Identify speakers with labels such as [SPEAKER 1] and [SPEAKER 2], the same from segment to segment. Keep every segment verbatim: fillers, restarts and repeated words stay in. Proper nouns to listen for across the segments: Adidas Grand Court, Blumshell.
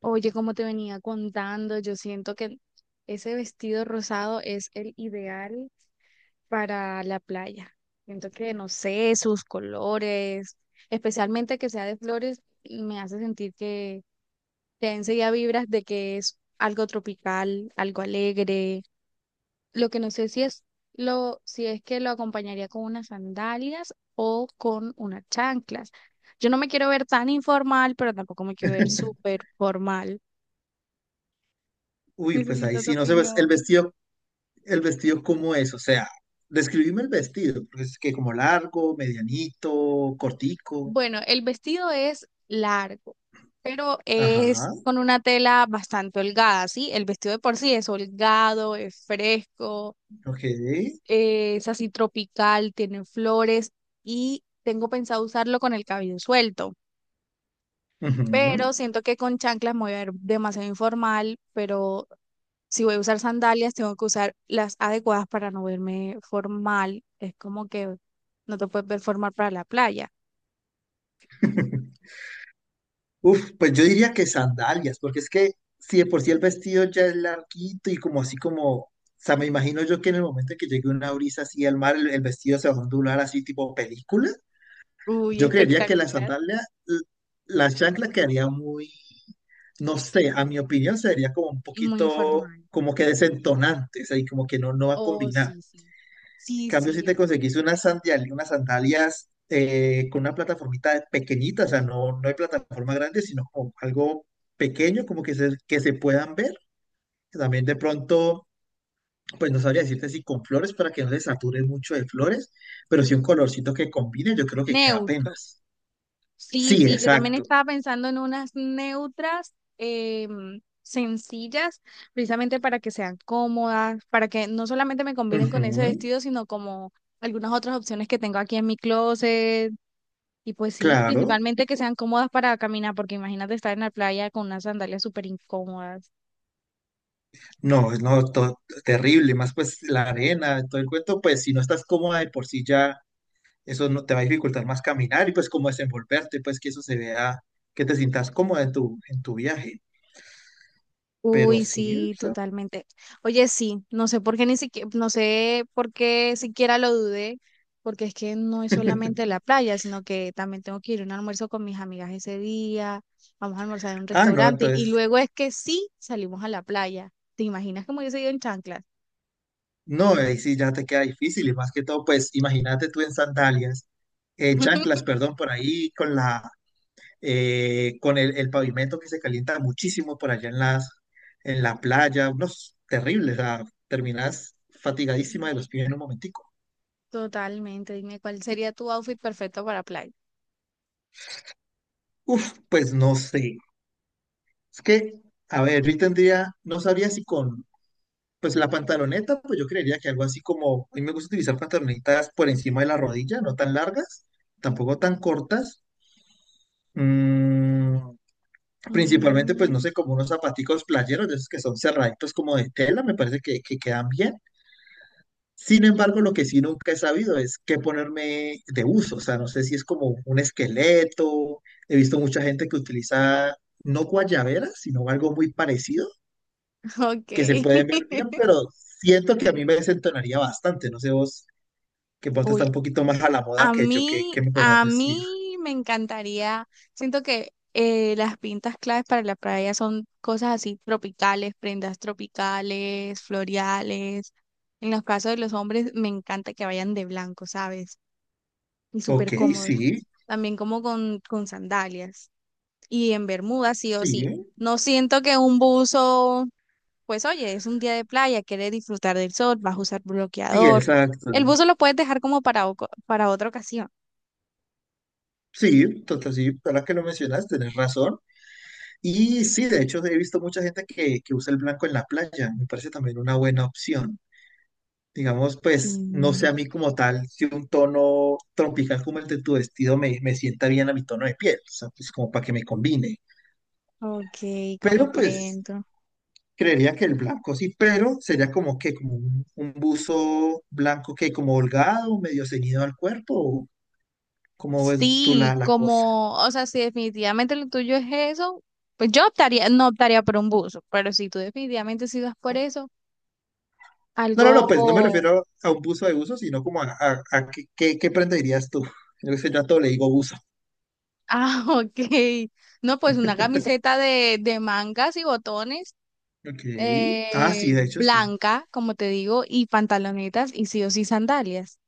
[SPEAKER 1] Oye, como te venía contando, yo siento que ese vestido rosado es el ideal para la playa. Siento que, no sé, sus colores, especialmente que sea de flores, me hace sentir que te enseguida vibras de que es algo tropical, algo alegre. Lo que no sé si es lo, si es que lo acompañaría con unas sandalias o con unas chanclas. Yo no me quiero ver tan informal, pero tampoco me quiero ver súper formal.
[SPEAKER 2] Uy, pues ahí
[SPEAKER 1] Necesito tu
[SPEAKER 2] sí, no sé, pues, el
[SPEAKER 1] opinión.
[SPEAKER 2] vestido, el vestido cómo es, o sea, describime el vestido, porque es que como largo, medianito, cortico,
[SPEAKER 1] Bueno, el vestido es largo, pero
[SPEAKER 2] ajá,
[SPEAKER 1] es con una tela bastante holgada, ¿sí? El vestido de por sí es holgado, es fresco,
[SPEAKER 2] ok,
[SPEAKER 1] es así tropical, tiene flores y tengo pensado usarlo con el cabello suelto,
[SPEAKER 2] ujú.
[SPEAKER 1] pero siento que con chanclas me voy a ver demasiado informal, pero si voy a usar sandalias, tengo que usar las adecuadas para no verme formal. Es como que no te puedes ver formal para la playa.
[SPEAKER 2] Uf, pues yo diría que sandalias, porque es que si de por sí el vestido ya es larguito y como así como, o sea, me imagino yo que en el momento en que llegue una brisa así al mar, el, el vestido se va a ondular así tipo película.
[SPEAKER 1] Uy,
[SPEAKER 2] Yo creería que la
[SPEAKER 1] espectacular.
[SPEAKER 2] sandalia, l- la chancla quedaría muy, no sé, a mi opinión sería como un
[SPEAKER 1] Y muy
[SPEAKER 2] poquito
[SPEAKER 1] informal.
[SPEAKER 2] como que desentonante, o sea, y como que no, no va a
[SPEAKER 1] Oh,
[SPEAKER 2] combinar.
[SPEAKER 1] sí, sí.
[SPEAKER 2] En
[SPEAKER 1] Sí,
[SPEAKER 2] cambio, si
[SPEAKER 1] sí,
[SPEAKER 2] te
[SPEAKER 1] sí.
[SPEAKER 2] conseguís unas sandalias, unas sandalias eh, con una plataformita pequeñita, o sea, no, no hay plataforma grande, sino como algo pequeño, como que se, que se puedan ver. También de pronto, pues no sabría decirte si con flores para que no se sature mucho de flores, pero sí un colorcito que combine, yo creo que queda
[SPEAKER 1] Neutro.
[SPEAKER 2] apenas.
[SPEAKER 1] Sí,
[SPEAKER 2] Sí,
[SPEAKER 1] sí, yo también
[SPEAKER 2] exacto.
[SPEAKER 1] estaba pensando en unas neutras em, sencillas, precisamente para que sean cómodas, para que no solamente me combinen con ese
[SPEAKER 2] Ujú,
[SPEAKER 1] vestido, sino como algunas otras opciones que tengo aquí en mi closet. Y pues sí,
[SPEAKER 2] claro.
[SPEAKER 1] principalmente que sean cómodas para caminar, porque imagínate estar en la playa con unas sandalias súper incómodas.
[SPEAKER 2] No, no, to- terrible. Más pues la arena, todo el cuento, pues si no estás cómoda de por sí ya, eso no te va a dificultar más caminar y pues como desenvolverte, pues que eso se vea, que te sientas cómoda en tu, en tu viaje. Pero
[SPEAKER 1] Uy,
[SPEAKER 2] sí, o
[SPEAKER 1] sí,
[SPEAKER 2] sea.
[SPEAKER 1] totalmente. Oye, sí, no sé por qué ni siquiera, no sé por qué siquiera lo dudé, porque es que no es solamente la playa, sino que también tengo que ir a un almuerzo con mis amigas ese día, vamos a almorzar en un
[SPEAKER 2] Ah, no,
[SPEAKER 1] restaurante y
[SPEAKER 2] entonces,
[SPEAKER 1] luego es que sí salimos a la playa. ¿Te imaginas que me hubiese ido en chanclas?
[SPEAKER 2] no, ahí sí ya te queda difícil y más que todo, pues imagínate tú en sandalias, en chanclas, perdón, por ahí con la, eh, con el, el pavimento que se calienta muchísimo por allá en las, en la playa, unos terribles, o sea, terminas fatigadísima de los pies en un momentico.
[SPEAKER 1] Totalmente, dime cuál sería tu outfit perfecto para playa.
[SPEAKER 2] Uf, pues no sé. Es que, a ver, yo tendría, no sabría si con, pues la pantaloneta, pues yo creería que algo así como, a mí me gusta utilizar pantalonetas por encima de la rodilla, no tan largas, tampoco tan cortas. Mm, principalmente, pues no
[SPEAKER 1] Mm,
[SPEAKER 2] sé, como unos zapaticos playeros, de esos que son cerraditos como de tela, me parece que, que quedan bien. Sin embargo, lo que sí nunca he sabido es qué ponerme de uso. O sea, no sé si es como un esqueleto. He visto mucha gente que utiliza no guayaberas, sino algo muy parecido,
[SPEAKER 1] ok.
[SPEAKER 2] que se puede ver bien, pero siento que a mí me desentonaría bastante. No sé vos, que vos
[SPEAKER 1] Uy,
[SPEAKER 2] estás un poquito más a la moda
[SPEAKER 1] a
[SPEAKER 2] que yo, ¿qué,
[SPEAKER 1] mí,
[SPEAKER 2] qué me podrás
[SPEAKER 1] a
[SPEAKER 2] decir?
[SPEAKER 1] mí me encantaría, siento que eh, las pintas claves para la playa son cosas así tropicales, prendas tropicales, floreales. En los casos de los hombres, me encanta que vayan de blanco, ¿sabes? Y súper
[SPEAKER 2] Ok,
[SPEAKER 1] cómodos.
[SPEAKER 2] sí,
[SPEAKER 1] También como con, con sandalias. Y en Bermuda, sí o
[SPEAKER 2] sí,
[SPEAKER 1] sí. No siento que un buzo, pues oye, es un día de playa, quieres disfrutar del sol, vas a usar
[SPEAKER 2] sí,
[SPEAKER 1] bloqueador.
[SPEAKER 2] exacto.
[SPEAKER 1] El buzo lo puedes dejar como para, oco- para otra ocasión.
[SPEAKER 2] Sí, total, sí, ahora que lo mencionas, tenés razón. Y sí, de hecho he visto mucha gente que, que usa el blanco en la playa, me parece también una buena opción. Digamos, pues, no sé
[SPEAKER 1] Sí.
[SPEAKER 2] a mí como tal, si un tono tropical como el de tu vestido me, me sienta bien a mi tono de piel, o sea, pues como para que me combine.
[SPEAKER 1] Ok,
[SPEAKER 2] Pero pues,
[SPEAKER 1] comprendo.
[SPEAKER 2] creería que el blanco sí, pero sería como que, como un, un buzo blanco que como holgado, medio ceñido al cuerpo, o cómo ves tú la,
[SPEAKER 1] Sí,
[SPEAKER 2] la cosa.
[SPEAKER 1] como, o sea, si definitivamente lo tuyo es eso, pues yo optaría, no optaría por un buzo, pero si tú definitivamente sí vas por eso,
[SPEAKER 2] No, no,
[SPEAKER 1] algo,
[SPEAKER 2] no, pues no me refiero a un buzo de uso, sino como a, a, a qué, qué, qué prenda dirías tú. Yo sé, yo a todo le digo buzo.
[SPEAKER 1] ah, ok, no, pues una camiseta de, de mangas y botones,
[SPEAKER 2] Ok. Ah, sí,
[SPEAKER 1] eh,
[SPEAKER 2] de hecho, sí.
[SPEAKER 1] blanca, como te digo, y pantalonetas y sí o sí sandalias.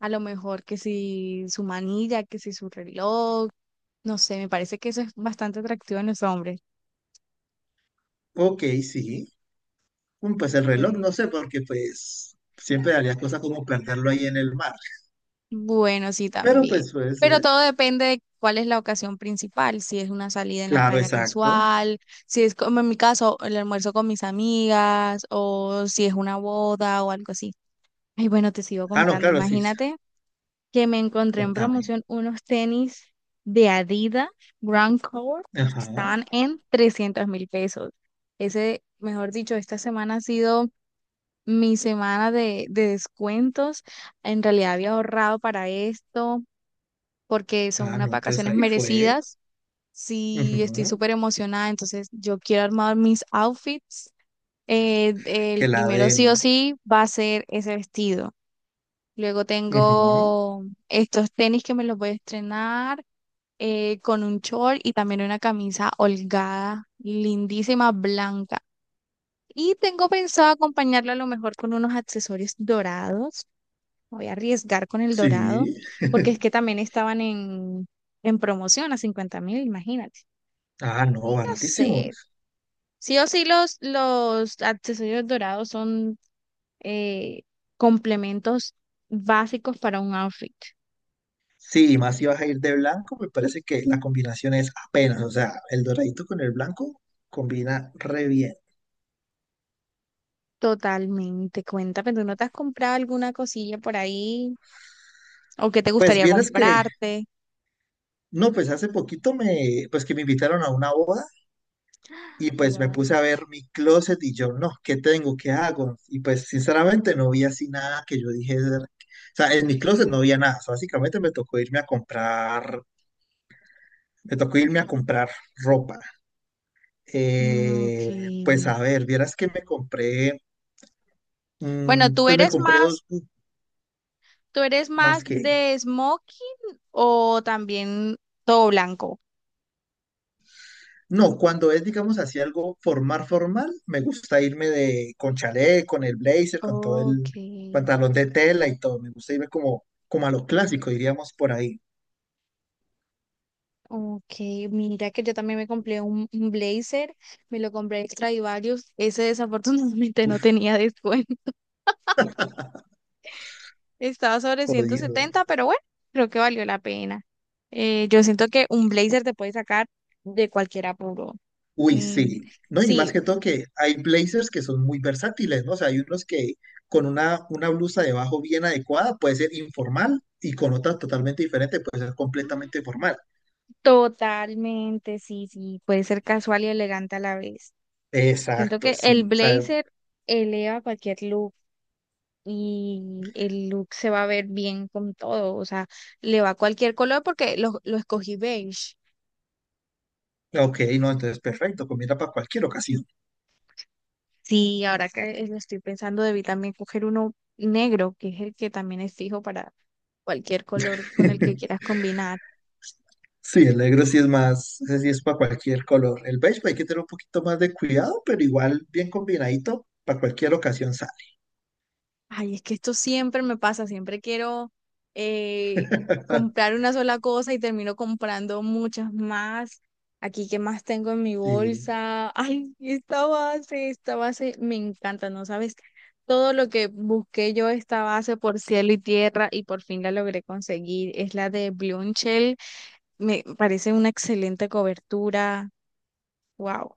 [SPEAKER 1] A lo mejor que si su manilla, que si su reloj, no sé, me parece que eso es bastante atractivo en los hombres.
[SPEAKER 2] Ok, sí. Mm, pues el reloj, no sé, porque pues siempre haría cosas como plantarlo ahí en el mar.
[SPEAKER 1] Bueno, sí,
[SPEAKER 2] Pero
[SPEAKER 1] también.
[SPEAKER 2] pues puede
[SPEAKER 1] Pero
[SPEAKER 2] ser.
[SPEAKER 1] todo depende de cuál es la ocasión principal, si es una salida en la
[SPEAKER 2] Claro,
[SPEAKER 1] playa
[SPEAKER 2] exacto.
[SPEAKER 1] casual, si es como en mi caso, el almuerzo con mis amigas, o si es una boda o algo así. Y bueno, te sigo
[SPEAKER 2] Ah, no,
[SPEAKER 1] contando.
[SPEAKER 2] claro, sí.
[SPEAKER 1] Imagínate que me encontré en
[SPEAKER 2] Contame.
[SPEAKER 1] promoción unos tenis de Adidas Grand Court que
[SPEAKER 2] Ajá.
[SPEAKER 1] estaban en trescientos mil pesos. Ese, mejor dicho, esta semana ha sido mi semana de, de descuentos. En realidad había ahorrado para esto porque son
[SPEAKER 2] Ah,
[SPEAKER 1] unas
[SPEAKER 2] no, entonces
[SPEAKER 1] vacaciones
[SPEAKER 2] ahí fue.
[SPEAKER 1] merecidas. Sí, estoy
[SPEAKER 2] Ujú.
[SPEAKER 1] súper emocionada, entonces yo quiero armar mis outfits. Eh, el
[SPEAKER 2] Que la
[SPEAKER 1] primero sí o
[SPEAKER 2] den.
[SPEAKER 1] sí va a ser ese vestido. Luego
[SPEAKER 2] Ujú.
[SPEAKER 1] tengo estos tenis que me los voy a estrenar eh, con un short y también una camisa holgada, lindísima, blanca. Y tengo pensado acompañarlo a lo mejor con unos accesorios dorados. Voy a arriesgar con el dorado,
[SPEAKER 2] Sí.
[SPEAKER 1] porque es que también estaban en, en promoción a cincuenta mil, imagínate.
[SPEAKER 2] Ah, no,
[SPEAKER 1] Y no
[SPEAKER 2] baratísimo.
[SPEAKER 1] sé, sí o sí los, los accesorios dorados son eh, complementos básicos para un outfit.
[SPEAKER 2] Sí, y más si vas a ir de blanco, me parece que la combinación es apenas, o sea, el doradito con el blanco combina re bien.
[SPEAKER 1] Totalmente, cuéntame, ¿tú no te has comprado alguna cosilla por ahí? ¿O qué te
[SPEAKER 2] Pues
[SPEAKER 1] gustaría
[SPEAKER 2] vieras que,
[SPEAKER 1] comprarte?
[SPEAKER 2] no, pues hace poquito me, pues que me invitaron a una boda y pues me
[SPEAKER 1] Wow.
[SPEAKER 2] puse a ver mi closet y yo, no, ¿qué tengo? ¿Qué hago? Y pues sinceramente no vi así nada que yo dije, o sea, en mi closet no había nada, o sea, básicamente me tocó irme a comprar, me tocó irme a comprar ropa.
[SPEAKER 1] Ok.
[SPEAKER 2] Eh, pues a ver, vieras que me compré...
[SPEAKER 1] Bueno,
[SPEAKER 2] Mm,
[SPEAKER 1] ¿tú
[SPEAKER 2] pues me
[SPEAKER 1] eres
[SPEAKER 2] compré
[SPEAKER 1] más,
[SPEAKER 2] dos.
[SPEAKER 1] ¿tú eres
[SPEAKER 2] Más
[SPEAKER 1] más
[SPEAKER 2] que.
[SPEAKER 1] de smoking o también todo blanco?
[SPEAKER 2] No, cuando es, digamos, así algo formal, formal, me gusta irme de, con chalet, con el blazer, con todo el
[SPEAKER 1] Ok,
[SPEAKER 2] pantalón de tela y todo. Me gusta irme como, como a lo clásico, diríamos por ahí.
[SPEAKER 1] ok. Mira que yo también me compré un, un blazer, me lo compré extra y varios. Ese desafortunadamente no
[SPEAKER 2] Uf,
[SPEAKER 1] tenía descuento. Estaba sobre ciento
[SPEAKER 2] jodido.
[SPEAKER 1] setenta, pero bueno, creo que valió la pena. Eh, yo siento que un blazer te puede sacar de cualquier apuro.
[SPEAKER 2] Uy,
[SPEAKER 1] Mm,
[SPEAKER 2] sí. No, y más
[SPEAKER 1] sí,
[SPEAKER 2] que todo que hay blazers que son muy versátiles, ¿no? O sea, hay unos que con una, una blusa debajo bien adecuada puede ser informal y con otra totalmente diferente puede ser
[SPEAKER 1] mm,
[SPEAKER 2] completamente formal.
[SPEAKER 1] totalmente, sí, sí. Puede ser casual y elegante a la vez. Siento
[SPEAKER 2] Exacto,
[SPEAKER 1] que el
[SPEAKER 2] sí. O sea,
[SPEAKER 1] blazer eleva cualquier look y el look se va a ver bien con todo, o sea, le va cualquier color porque lo, lo escogí beige.
[SPEAKER 2] ok, no, entonces perfecto, combina para cualquier ocasión.
[SPEAKER 1] Sí, ahora que lo estoy pensando, debí también coger uno negro, que es el que también es fijo para cualquier color con el que quieras combinar.
[SPEAKER 2] Sí, el negro sí es más, ese sí es para cualquier color. El beige hay que tener un poquito más de cuidado, pero igual bien combinadito, para cualquier ocasión sale.
[SPEAKER 1] Ay, es que esto siempre me pasa, siempre quiero eh, comprar una sola cosa y termino comprando muchas más. Aquí, ¿qué más tengo en mi
[SPEAKER 2] Sí.
[SPEAKER 1] bolsa? Ay, esta base, esta base me encanta, ¿no sabes? Todo lo que busqué yo esta base por cielo y tierra y por fin la logré conseguir. Es la de Blumshell, me parece una excelente cobertura. Wow,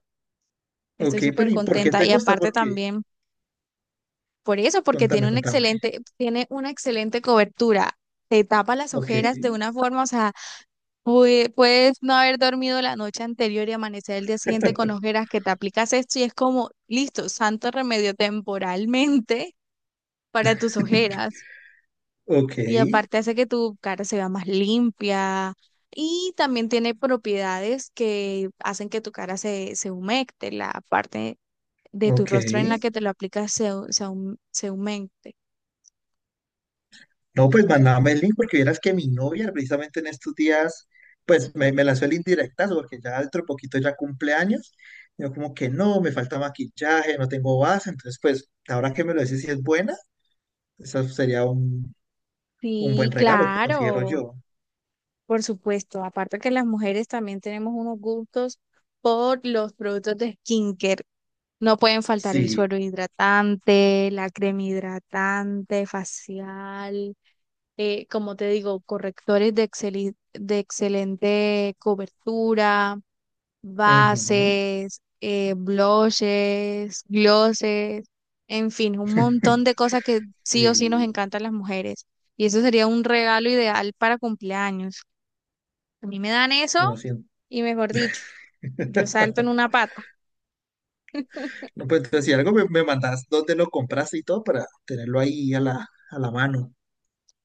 [SPEAKER 1] estoy
[SPEAKER 2] Ok, pero
[SPEAKER 1] súper
[SPEAKER 2] ¿y por qué
[SPEAKER 1] contenta
[SPEAKER 2] te
[SPEAKER 1] y
[SPEAKER 2] gusta?
[SPEAKER 1] aparte
[SPEAKER 2] Porque,
[SPEAKER 1] también. Por eso, porque tiene
[SPEAKER 2] contame,
[SPEAKER 1] una
[SPEAKER 2] contame.
[SPEAKER 1] excelente, tiene una excelente cobertura. Te tapa las
[SPEAKER 2] Ok,
[SPEAKER 1] ojeras de una forma, o sea, pue- puedes no haber dormido la noche anterior y amanecer el día siguiente con ojeras, que te aplicas esto y es como, listo, santo remedio temporalmente para tus ojeras.
[SPEAKER 2] ok,
[SPEAKER 1] Y aparte hace que tu cara se vea más limpia y también tiene propiedades que hacen que tu cara se, se humecte, la parte de tu
[SPEAKER 2] ok.
[SPEAKER 1] rostro en la que te lo aplicas se, se, hum- se humecte.
[SPEAKER 2] No, pues mandame el link porque vieras que mi novia precisamente en estos días, pues me, me lanzó el indirectazo porque ya dentro de poquito ya cumple años. Yo como que no, me falta maquillaje, no tengo base, entonces pues ahora que me lo decís si es buena, eso sería un Un buen
[SPEAKER 1] Sí,
[SPEAKER 2] regalo, considero
[SPEAKER 1] claro,
[SPEAKER 2] yo.
[SPEAKER 1] por supuesto. Aparte que las mujeres también tenemos unos gustos por los productos de skincare. No pueden faltar el
[SPEAKER 2] Sí,
[SPEAKER 1] suero hidratante, la crema hidratante, facial, eh, como te digo, correctores de, exceli- de excelente cobertura
[SPEAKER 2] ujú.
[SPEAKER 1] bases, eh, blushes, glosses, en fin, un montón de cosas que sí o sí nos
[SPEAKER 2] Sí.
[SPEAKER 1] encantan las mujeres. Y eso sería un regalo ideal para cumpleaños. A mí me dan eso
[SPEAKER 2] No siento.
[SPEAKER 1] y mejor dicho, yo salto en una pata.
[SPEAKER 2] No, pues entonces, si algo me, me mandas dónde lo compraste y todo para tenerlo ahí a la, a la mano.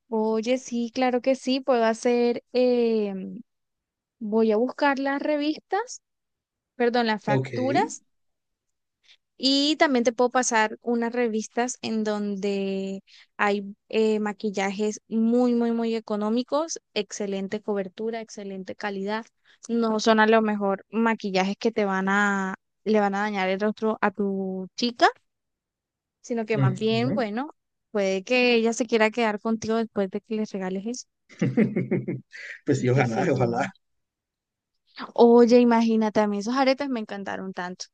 [SPEAKER 1] Oye, sí, claro que sí, puedo hacer, eh, voy a buscar las revistas, perdón, las
[SPEAKER 2] Ok,
[SPEAKER 1] facturas. Y también te puedo pasar unas revistas en donde hay eh, maquillajes muy, muy, muy económicos, excelente cobertura, excelente calidad. No son a lo mejor maquillajes que te van a, le van a dañar el rostro a tu chica, sino que más bien,
[SPEAKER 2] ujú.
[SPEAKER 1] bueno, puede que ella se quiera quedar contigo después de que les regales eso.
[SPEAKER 2] Pues sí,
[SPEAKER 1] Qué
[SPEAKER 2] ojalá,
[SPEAKER 1] sé yo.
[SPEAKER 2] ojalá.
[SPEAKER 1] Oye, imagínate, a mí esos aretes me encantaron tanto.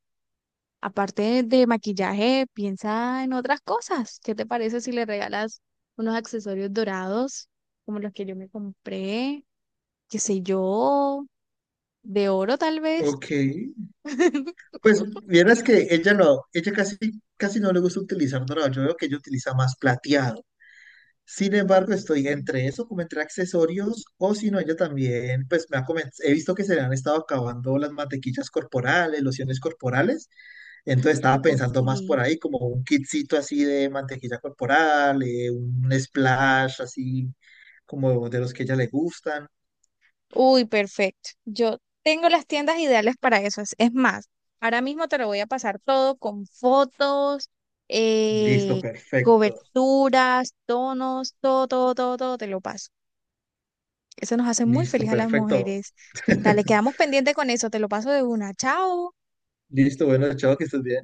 [SPEAKER 1] Aparte de maquillaje, piensa en otras cosas. ¿Qué te parece si le regalas unos accesorios dorados, como los que yo me compré? ¿Qué sé yo? De oro, tal vez.
[SPEAKER 2] Ok. Pues vieras que ella no, ella casi, casi no le gusta utilizar dorado. Yo veo que ella utiliza más plateado. Sin embargo, estoy entre eso, como entre accesorios, o si no, ella también, pues me ha comen- he visto que se le han estado acabando las mantequillas corporales, lociones corporales, entonces estaba
[SPEAKER 1] Ok.
[SPEAKER 2] pensando más por ahí, como un kitcito así de mantequilla corporal, eh, un splash así, como de los que a ella le gustan.
[SPEAKER 1] Uy, perfecto. Yo tengo las tiendas ideales para eso. Es es más, ahora mismo te lo voy a pasar todo con fotos,
[SPEAKER 2] Listo,
[SPEAKER 1] eh,
[SPEAKER 2] perfecto,
[SPEAKER 1] coberturas, tonos, todo, todo, todo, todo, te lo paso. Eso nos hace muy feliz
[SPEAKER 2] listo,
[SPEAKER 1] a las
[SPEAKER 2] perfecto.
[SPEAKER 1] mujeres. Dale, quedamos pendientes con eso. Te lo paso de una. Chao.
[SPEAKER 2] Listo, bueno, chao, que estés bien.